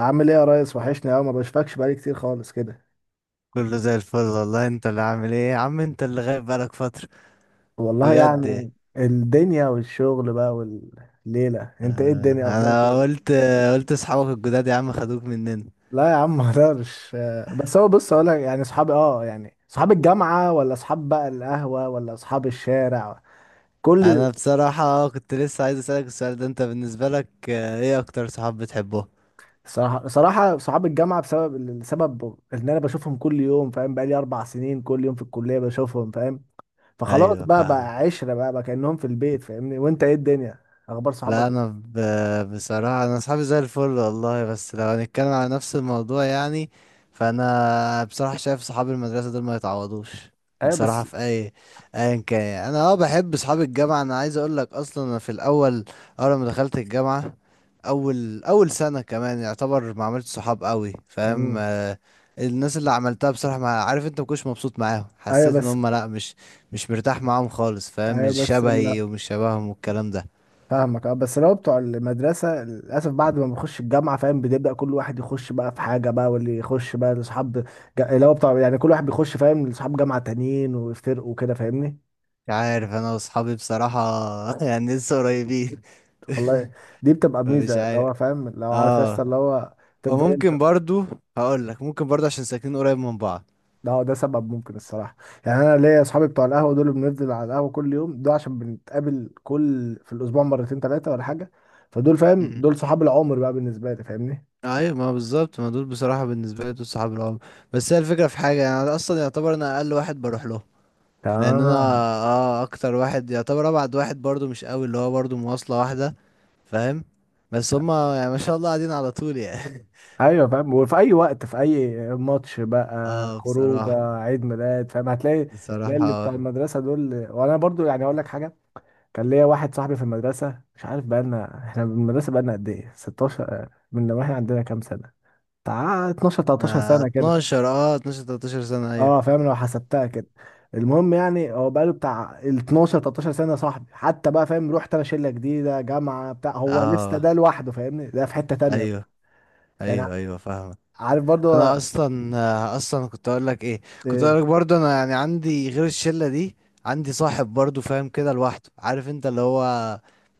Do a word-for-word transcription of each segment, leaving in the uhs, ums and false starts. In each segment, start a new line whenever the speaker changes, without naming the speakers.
عامل ايه يا ريس؟ وحشني قوي، ما بشوفكش بقالي كتير خالص كده.
كله زي الفل والله. انت اللي عامل ايه يا عم، انت اللي غايب بقالك فترة
والله
بجد.
يعني الدنيا والشغل بقى، والليلة انت ايه؟
آه،
الدنيا اخبارك
انا
ايه؟
قلت قلت اصحابك الجداد يا عم خدوك مننا.
لا يا عم ما اقدرش. آه، بس هو بص اقول لك، يعني اصحابي اه يعني اصحاب الجامعة، ولا اصحاب بقى القهوة، ولا اصحاب الشارع كل...
انا بصراحة كنت لسه عايز اسألك السؤال ده، انت بالنسبة لك آه، ايه اكتر صحاب بتحبه؟
صراحة صراحة صحاب الجامعة، بسبب السبب ان انا بشوفهم كل يوم، فاهم؟ بقالي اربع سنين كل يوم في الكلية بشوفهم، فاهم؟ فخلاص
ايوه
بقى، بقى
فاهمك.
عشرة بقى، بقى كأنهم في البيت، فاهمني؟ وانت ايه الدنيا، اخبار
لا،
صحابك
انا
ايه؟
ب... بصراحه انا اصحابي زي الفل والله، بس لو هنتكلم على نفس الموضوع يعني، فانا بصراحه شايف صحاب المدرسه دول ما يتعوضوش.
ايوه
بصراحه
بس.
في اي ايا كان يعني. انا اه بحب صحاب الجامعه، انا عايز اقول لك اصلا انا في الاول اول ما دخلت الجامعه اول اول سنه كمان يعتبر ما عملتش صحاب قوي. فاهم؟
مم.
آه، الناس اللي عملتها بصراحه ما عارف انت، ما كنتش مبسوط معاهم،
ايوه
حسيت ان
بس.
هم لا، مش مش مرتاح معاهم خالص. فاهم؟
ايوه
مش
بس لا.
شبهي ومش شبههم والكلام ده.
فاهمك. اه بس لو بتوع المدرسه، للاسف بعد ما بنخش الجامعه، فاهم؟ بنبدا كل واحد يخش بقى في حاجه بقى، واللي يخش بقى لاصحاب جا- اللي هو بتوع، يعني كل واحد بيخش فاهم، لاصحاب جامعه تانيين، ويفترقوا وكده، فاهمني؟
مش عارف انا واصحابي بصراحة يعني لسه قريبين
والله دي بتبقى
فمش
ميزه، اللي
عارف
هو فاهم، لو عارف يا اسطى
اه.
اللي هو. تفضل انت.
وممكن برضو، هقول لك ممكن برضو عشان ساكنين قريب من بعض.
لا، ده سبب ممكن الصراحه. يعني انا ليا اصحابي بتوع القهوه دول، بنفضل على القهوه كل يوم، ده عشان بنتقابل كل في الاسبوع مرتين ثلاثه ولا حاجه، فدول فاهم،
مم.
دول صحاب العمر بقى بالنسبه لي، فاهمني؟
ايوه، ما بالظبط، ما دول بصراحة بالنسبة لي دول صحاب العمر. بس هي الفكرة في حاجة، يعني انا اصلا يعتبر انا اقل واحد بروح له، لان انا
تمام.
اه اكتر واحد يعتبر ابعد واحد برضو، مش قوي اللي هو برضو، مواصلة واحدة. فاهم؟ بس هما يعني ما شاء الله قاعدين على طول يعني.
ايوه فاهم، وفي اي وقت، في اي ماتش بقى،
اه
خروجه،
بصراحة،
عيد ميلاد، فاهم؟ هتلاقي تلاقي اللي بتاع
بصراحة.
المدرسه دول. وانا برضو يعني اقول لك حاجه، كان ليا واحد صاحبي في المدرسه، مش عارف بقى لنا احنا من المدرسه بقى لنا قد ايه، ستة عشر من لما احنا عندنا كام سنه؟ بتاع اثنا عشر تلتاشر
آه
سنه كده.
اتناشر، اه اتناشر تلتاشر سنة، ايوه
اه فاهم لو حسبتها كده. المهم يعني، هو بقى له بتاع ال اتناشر تلتاشر سنه صاحبي حتى بقى، فاهم؟ رحت انا شله جديده، جامعه بتاع، هو لسه
اه،
ده لوحده فاهمني، ده في حته تانيه بقى.
ايوه
يعني
ايوه. ايوه فاهمك.
عارف برضو.
انا اصلا آه اصلا كنت اقول لك ايه، كنت
آه،
اقول لك برضو انا يعني عندي غير الشلة دي، عندي صاحب برضو فاهم، كده لوحده، عارف انت اللي هو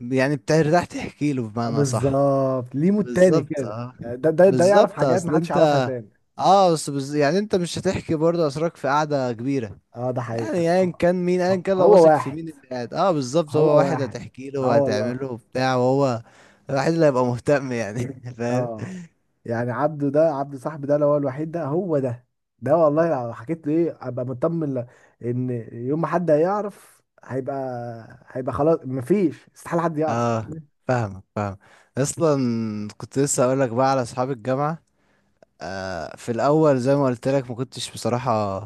يعني بترتاح تحكي له
آه،
بمعنى. صح؟
بالظبط، ليه مود تاني
بالظبط
كده،
اه.
يعني ده ده ده يعرف
بالظبط.
حاجات
اصل
محدش يعرفها
انت،
تاني.
اه بس بز... يعني انت مش هتحكي برضو اسرارك في قعدة كبيرة،
اه ده
يعني
حقيقة.
ايا
ه-
كان مين، ايا
ه-
كان لو
هو
واثق في
واحد.
مين اللي قاعد، اه بالظبط، هو
هو
واحد
واحد.
هتحكي له
اه والله.
وهتعمله وبتاع، وهو الواحد اللي هيبقى مهتم يعني. فاهم؟
اه يعني عبده، ده عبده صاحبي ده، اللي هو الوحيد، ده هو ده. ده والله لو حكيت له ايه، ابقى مطمن ل- ان يوم ما حد هيعرف، هيبقى هيبقى خلاص، مفيش استحالة حد يعرف.
اه فاهمك، فاهم. اصلا كنت لسه اقول لك بقى على اصحاب الجامعه، آه، في الاول زي ما قلت لك ما كنتش بصراحه،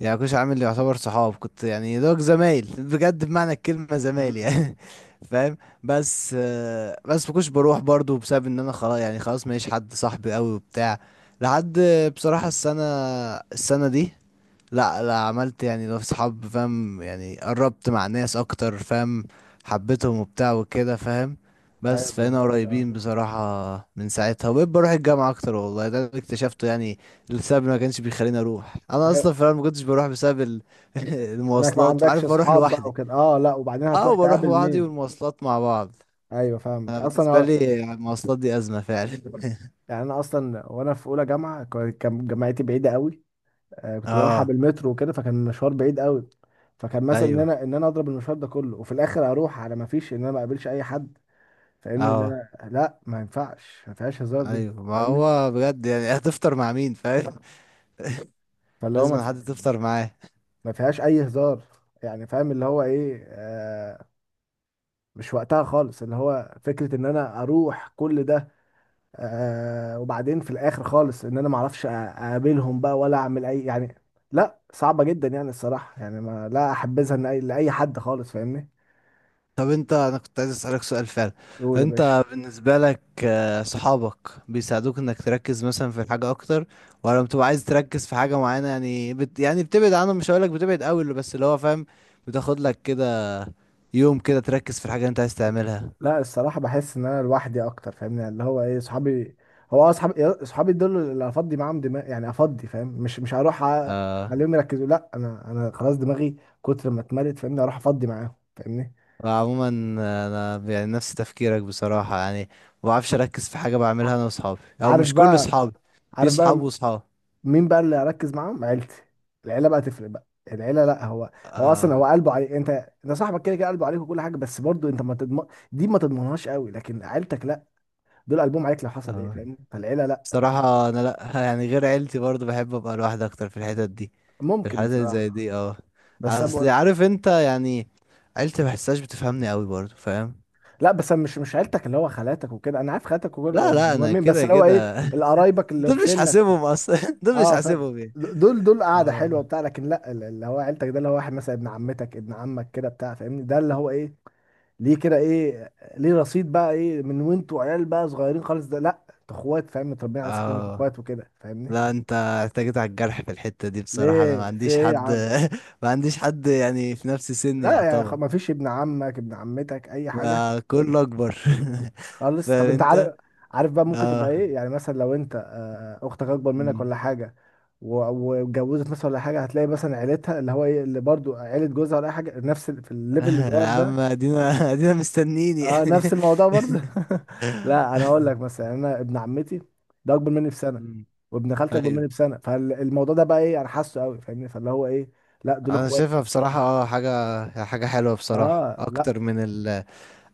يعني ما كنتش عامل يعتبر صحاب، كنت يعني دوك زمايل بجد، بمعنى الكلمه زمايل
امم.
يعني. فاهم؟ بس آه، بس ما كنتش بروح برضو بسبب ان انا خلاص، يعني خلاص ماليش حد صاحبي قوي وبتاع. لحد بصراحه السنه السنه دي، لا لا عملت يعني لو صحاب، فاهم يعني قربت مع ناس اكتر، فاهم، حبيتهم وبتاع وكده. فاهم؟
ايوه
بس فانا
بالظبط اه.
قريبين بصراحة من ساعتها، وبقيت بروح الجامعة اكتر. والله ده اللي اكتشفته يعني، السبب اللي ما كانش بيخليني اروح، انا
ايوه
اصلا في الأول ما كنتش بروح بسبب ال-
انك ما
المواصلات،
عندكش
عارف، بروح
اصحاب بقى
لوحدي.
وكده. اه، لا، وبعدين هتروح
اه، بروح
تقابل
لوحدي
مين؟
والمواصلات مع بعض.
ايوه فاهمك.
انا بالنسبة
اصلا
لي المواصلات دي ازمة فعلا.
يعني انا اصلا، وانا في اولى جامعه، كان كان جامعتي بعيده قوي. آه، كنت بروحها
اه
بالمترو وكده، فكان المشوار بعيد قوي. فكان مثلا ان
ايوه،
انا ان انا اضرب المشوار ده كله، وفي الاخر اروح على ما فيش، ان انا ما اقابلش اي حد، فاهمني؟ ان
اه
انا لا، ما ينفعش، ما فيهاش هزار دي،
ايوه، ما
فاهمني؟
هو بجد يعني هتفطر مع مين؟ فاهم؟
فاللي هو ما,
لازم
في...
حد تفطر معاه.
ما فيهاش اي هزار يعني، فاهم اللي هو ايه. آه مش وقتها خالص، اللي هو فكره ان انا اروح كل ده، آه، وبعدين في الاخر خالص ان انا ما اعرفش أ- اقابلهم بقى، ولا اعمل اي يعني. لا صعبة جدا يعني الصراحة، يعني ما لا احبذها إن أي- لاي حد خالص، فاهمني؟
طب انت، انا كنت عايز اسالك سؤال فعلا،
يقول يا باشا.
انت بالنسبه لك آه، صحابك بيساعدوك انك تركز مثلا في حاجه اكتر، ولا بتبقى عايز تركز في حاجه معينه يعني بت... يعني بتبعد عنهم، مش هقولك بتبعد قوي اللي- بس اللي هو فاهم، بتاخد لك كده يوم كده تركز في الحاجه اللي انت عايز تعملها.
لا الصراحة بحس ان انا لوحدي اكتر، فاهمني؟ يعني اللي هو ايه، صحابي، هو اه، صحابي صحابي دول اللي افضي معاهم دماغ، يعني افضي فاهم، مش مش هروح أ-
آه.
اخليهم يركزوا، لا انا انا خلاص دماغي كتر ما اتملت، فاهمني؟ اروح افضي معاهم، فاهمني؟
وعموما آه، انا يعني نفس تفكيرك بصراحه، يعني ما بعرفش اركز في حاجه
ع-
بعملها انا واصحابي، او
عارف
مش كل
بقى.
اصحابي، في
عارف
صحاب
بقى
وصحاب.
مين بقى اللي اركز معاهم؟ عيلتي. العيله بقى تفرق بقى. العيله لا، هو هو اصلا
اه
هو قلبه عليك انت، انت صاحبك كده كده قلبه عليك وكل حاجه، بس برضو انت ما تضمن، دي ما تضمنهاش قوي، لكن عيلتك لا، دول قلبهم عليك لو حصل ايه،
اه.
فاهم؟ فالعيله لا.
بصراحة أنا لأ، يعني غير عيلتي برضو بحب أبقى لوحدي أكتر في الحتت دي، في
ممكن
الحاجات اللي زي
بصراحه،
دي اه.
بس انا
أصل
بقول.
عارف أنت يعني عيلتي ما بحسهاش بتفهمني أوي برضو. فاهم؟
لا بس أنا مش مش عيلتك اللي هو خالاتك وكده، انا عارف خالاتك وكل،
لا لا، أنا
مهمين، بس
كده
اللي هو ايه،
كده.
القرايبك اللي في
دول مش
سنك.
حاسبهم أصلا، دول مش
اه فاهم،
حاسبهم يعني.
دول دول قاعده
اه
حلوه بتاع، لكن لا اللي هو عيلتك، ده اللي هو واحد مثلا ابن عمتك، ابن عمك كده بتاع، فاهمني؟ ده اللي هو ايه، ليه كده؟ ايه ليه رصيد بقى ايه، من وانتوا عيال بقى صغيرين خالص، ده لا انتوا اخوات فاهم، متربيين على سكنك
اه.
اخوات وكده، فاهمني؟
لا أنت احتاجت على الجرح في الحتة دي بصراحة، أنا ما
ليه، في
عنديش
ايه يا
حد،
عم؟
ما عنديش حد يعني في نفس سني
لا يا خ...
يعتبر،
ما فيش ابن عمك، ابن عمتك، اي حاجه؟
ما كله أكبر.
خالص طب
فاهم
انت
أنت؟
عارف. عارف بقى، ممكن تبقى
اه.
ايه، يعني مثلا لو انت آه، اختك اكبر منك ولا حاجه، و- واتجوزت مثلا ولا حاجه، هتلاقي مثلا عيلتها، اللي هو ايه، اللي برضو عيله جوزها ولا اي حاجه، نفس ال- في الليفل
يا
الصغير
عم،
ده.
ادينا، ادينا مستنيين
اه
يعني.
نفس الموضوع برضه. لا انا اقول لك مثلا، يعني انا ابن عمتي ده اكبر مني بسنه،
مم.
وابن خالتي اكبر مني
ايوه.
بسنه، فالموضوع ده بقى ايه، انا حاسه قوي، فاهمني؟ فاللي هو ايه، لا دول
انا
اخوات.
شايفها بصراحة اه، حاجة حاجة حلوة بصراحة،
اه لا.
اكتر من ال،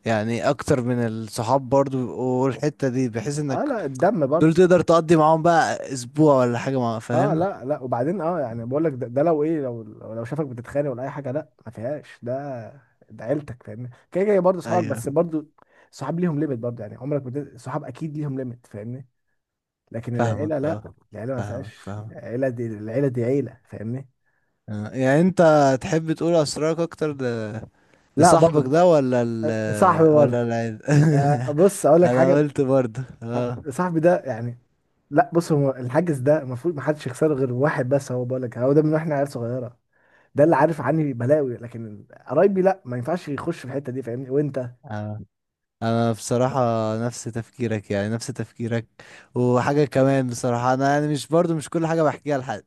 يعني اكتر من الصحاب برضو، بيبقوا الحتة دي بحيث
اه
انك
لا الدم
دول
برضه.
تقدر تقضي معاهم بقى اسبوع ولا حاجة مع.
اه
فاهم؟
لا لا، وبعدين اه يعني بقول لك ده، ده لو ايه، لو لو شافك بتتخانق ولا اي حاجه، لا ما فيهاش ده، ده عيلتك فاهمني، كده كده برضه صحابك، بس
ايوه
برضه صحاب ليهم ليميت برضه، يعني عمرك بت... صحاب اكيد ليهم ليميت، فاهمني؟ لكن العيله
فاهمك
لا،
اه،
العيله ما
فاهمك
فيهاش،
فاهمك.
العيله دي، العيله دي عيله، فاهمني؟
آه، يعني انت تحب تقول اسرارك اكتر ل...
لا
لصاحبك
برضه.
ده، ولا ال...
آه، صاحبي
ولا
برضه.
العيد؟
آه، بص اقول لك
انا
حاجه.
قلت برضه
آه،
اه.
صاحبي ده يعني، لا بص، هو الحاجز ده المفروض ما حدش يخسره غير واحد بس، هو بقول لك هو ده من واحنا عيال صغيره، ده اللي عارف عني بلاوي، لكن قرايبي لا، ما ينفعش يخش في الحته دي، فاهمني؟ وانت؟
آه. انا بصراحة نفس تفكيرك، يعني نفس تفكيرك، وحاجة كمان بصراحة، انا يعني مش برضه مش كل حاجة بحكيها لحد.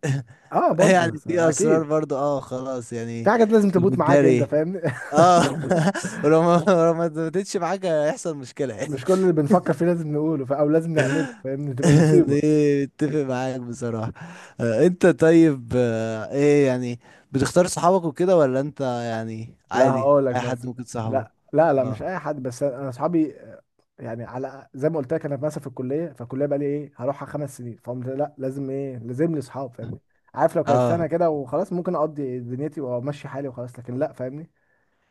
اه برضه
يعني
بس-
في اسرار
اكيد،
برضه اه، خلاص
في
يعني.
حاجات لازم تموت معاك انت،
بتداري
فاهمني؟
اه. ولو ما لو ما اتمتتش معاك هيحصل مشكلة.
مش كل اللي بنفكر فيه لازم نقوله ف- او لازم نعمله، فاهمني؟ تبقى
دي
مصيبه.
اتفق معاك بصراحة. آه، انت طيب آه، ايه يعني، بتختار صحابك وكده، ولا انت يعني
لا
عادي
هقول لك
اي حد
مثلا.
ممكن صاحبه؟
لا لا لا مش
اه
اي حد، بس انا اصحابي، آه، يعني على زي ما قلت لك، انا مثلا في الكليه، فالكليه بقى لي ايه، هروحها خمس سنين، فقمت لا، لازم ايه، لازم لي اصحاب، فاهمني؟ عارف لو كانت سنه
اه.
كده وخلاص، ممكن اقضي دنيتي وامشي حالي وخلاص، لكن لا فاهمني.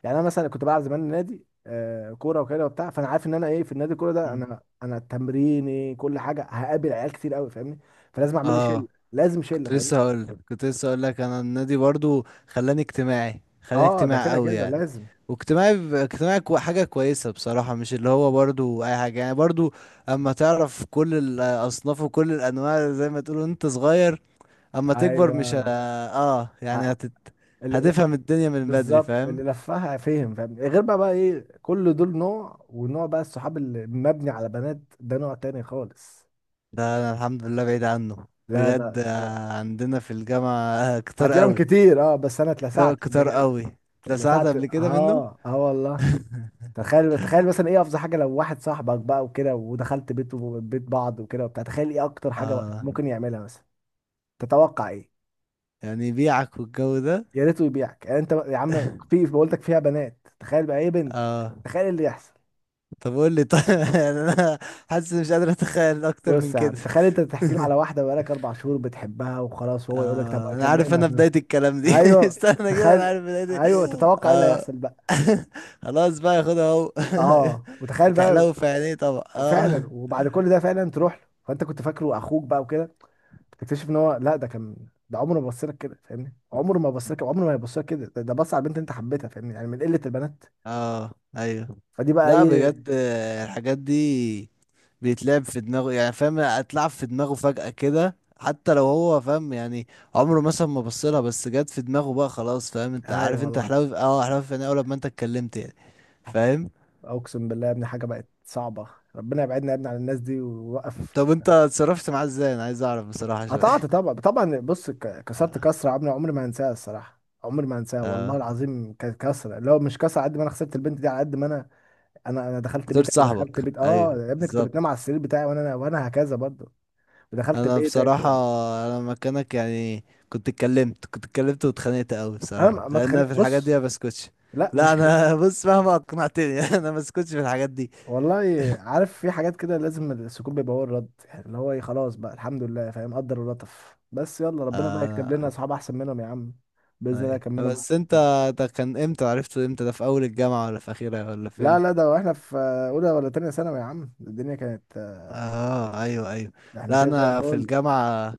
يعني انا مثلا كنت بلعب زمان نادي، آه، كوره وكده وبتاع، فانا عارف ان انا ايه، في النادي، الكوره ده،
مم.
انا انا تمريني كل حاجه، هقابل عيال كتير قوي، فاهمني؟ فلازم اعمل لي شله.
اه.
لازم شله،
كنت لسه
فاهمني؟
هقول، كنت لسه هقول لك انا النادي برضو خلاني اجتماعي، خلاني
اه ده
اجتماعي
كده
قوي
كده
يعني.
لازم.
واجتماعي ب- اجتماعي كو- حاجة كويسة بصراحة، مش اللي هو برضو اي حاجة، يعني برضو اما تعرف كل الاصناف وكل الانواع زي ما تقولوا، انت صغير اما تكبر مش ه...
ايوه.
اه يعني
ه-
هتت... هتفهم الدنيا من بدري.
بالظبط،
فاهم؟
اللي لفها فهم، فاهم؟ غير بقى، بقى ايه، كل دول نوع، ونوع بقى الصحاب اللي مبني على بنات، ده نوع تاني خالص.
ده انا الحمد لله بعيد عنه.
لا
بجد
انا
آه،
ده.
عندنا في الجامعة، آه، كتار
هتلاقيهم
قوي،
كتير، اه، بس انا
كتار
اتلسعت قبل
كتار
كده.
قوي، اتلسعت
اتلسعت،
قبل كده منه.
اه اه والله. تخيل، تخيل مثلا ايه افظع حاجه، لو واحد صاحبك بقى وكده، ودخلت بيت بيت بعض وكده وبتاع، تخيل ايه اكتر حاجه
اه،
ممكن يعملها مثلا. تتوقع ايه؟
يعني بيعك والجو ده.
يا ريته يبيعك، يعني انت يا عم في بقولتك فيها بنات، تخيل بقى ايه، بنت،
اه.
تخيل إيه اللي يحصل.
طب قول لي طيب. يعني انا حاسس إني مش قادر اتخيل اكتر من
بص يا
كده.
عم، تخيل انت بتحكي له على واحده بقالك اربع شهور بتحبها وخلاص، وهو يقول لك طب
آه انا عارف،
اكلمها
انا
طب.
بداية الكلام دي
ايوه.
استنى كده، انا
تخيل.
عارف بداية
ايوه،
إيه.
تتوقع ايه اللي
آه.
هيحصل بقى.
خلاص بقى، خدها اهو.
اه، وتخيل بقى،
هتحلو في عينيه طبعا
فعلا،
اه.
وبعد كل ده فعلا تروح له، فانت كنت فاكره اخوك بقى وكده، تكتشف ان هو لا، ده كان، ده عمره ما بص لك كده، فاهمني؟ عمره ما بص لك، عمره ما هيبص لك كده، ده، ده بص على البنت انت حبيتها، فاهمني؟ يعني من قله البنات.
اه ايوه.
فدي بقى
لا
ايه.
بجد آه، الحاجات دي بيتلعب في دماغه، يعني فاهم، اتلعب في دماغه فجأة كده، حتى لو هو فاهم يعني عمره مثلا ما بصلها، بس جت في دماغه بقى خلاص. فاهم انت؟
ايوه
عارف، انت
والله.
حلاوي في- اه حلاوي في عينيه اول ما انت اتكلمت يعني. فاهم؟
اقسم بالله يا ابني حاجه بقت صعبه، ربنا يبعدنا يا ابني عن الناس دي ويوقف.
طب انت اتصرفت معاه ازاي؟ انا عايز اعرف بصراحة
قطعت
شوية.
طبعا، طبعا. بص ك- كسرت
اه.
كسره عمري، عمري ما هنساها الصراحه، عمري ما هنساها والله
آه.
العظيم، كانت كسره اللي هو مش كسره على قد ما انا خسرت البنت دي، على قد ما انا انا انا دخلت
اخترت
بيتك،
صاحبك،
ودخلت بيت، اه
ايوه
يا ابني كنت بتنام
بالظبط.
على السرير بتاعي، وانا وانا هكذا برضه، ودخلت
انا
بيتك
بصراحه
و...
انا مكانك يعني، كنت اتكلمت، كنت اتكلمت واتخانقت قوي
انا
بصراحه،
ما ما
لان أنا
اتخانق،
في الحاجات دي
بص،
ما بسكتش.
لا
لا
مش خ-
انا بص، مهما اقنعتني انا ما بسكتش في الحاجات دي.
والله. عارف في حاجات كده، لازم السكوت بيبقى هو الرد، يعني اللي هو ايه، خلاص بقى الحمد لله فاهم، قدر ولطف، بس يلا ربنا بقى يكتب
آه.
لنا اصحاب احسن منهم يا عم. باذن الله
أيوة.
يكملهم.
بس انت، ده كان امتى؟ عرفته امتى ده، في اول الجامعه ولا في اخرها ولا في
لا لا
امتى؟
ده واحنا في اولى ولا تانية ثانوي يا عم، الدنيا كانت،
اه ايوه، ايوه.
ده احنا
لا
كده زي
انا في
الفل.
الجامعه،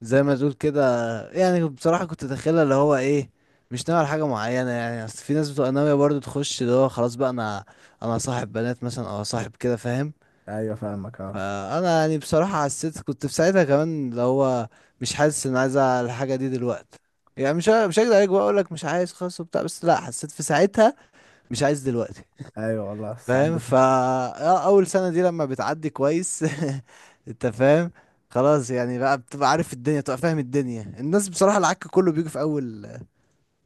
زي ما تقول كده، يعني بصراحة كنت داخلها اللي هو ايه، مش ناوي على حاجة معينة، يعني اصل في ناس بتبقى ناوية برضه تخش اللي هو خلاص بقى انا، انا صاحب بنات مثلا، او صاحب كده. فاهم؟
ايوه فاهمك اه.
فانا يعني بصراحة حسيت، كنت في ساعتها كمان اللي هو مش حاسس ان عايز الحاجة دي دلوقتي، يعني مش ه- مش هكدب عليك واقول لك مش عايز خلاص وبتاع، بس لا، حسيت في ساعتها مش عايز دلوقتي.
ايوه والله ساعات
فاهم
بت...
فا آه، اول سنه دي لما بتعدي كويس. انت فاهم، خلاص يعني بقى، بتبقى عارف الدنيا، بتبقى فاهم الدنيا، الناس بصراحه، العك كله بيجي في اول،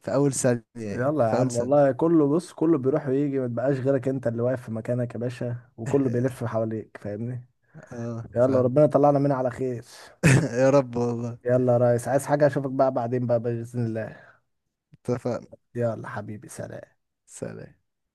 في اول سنه يعني
يلا يا
في اول
عم
سنه.
والله، كله بص، كله بيروح ويجي، ما تبقاش غيرك انت اللي واقف في مكانك يا باشا، وكله بيلف حواليك، فاهمني؟
اه
يلا
فاهم.
ربنا يطلعنا منها على خير.
يا رب والله.
يلا يا ريس، عايز حاجة؟ اشوفك بقى بعدين بقى بإذن الله.
اتفقنا.
يلا حبيبي سلام.
سلام.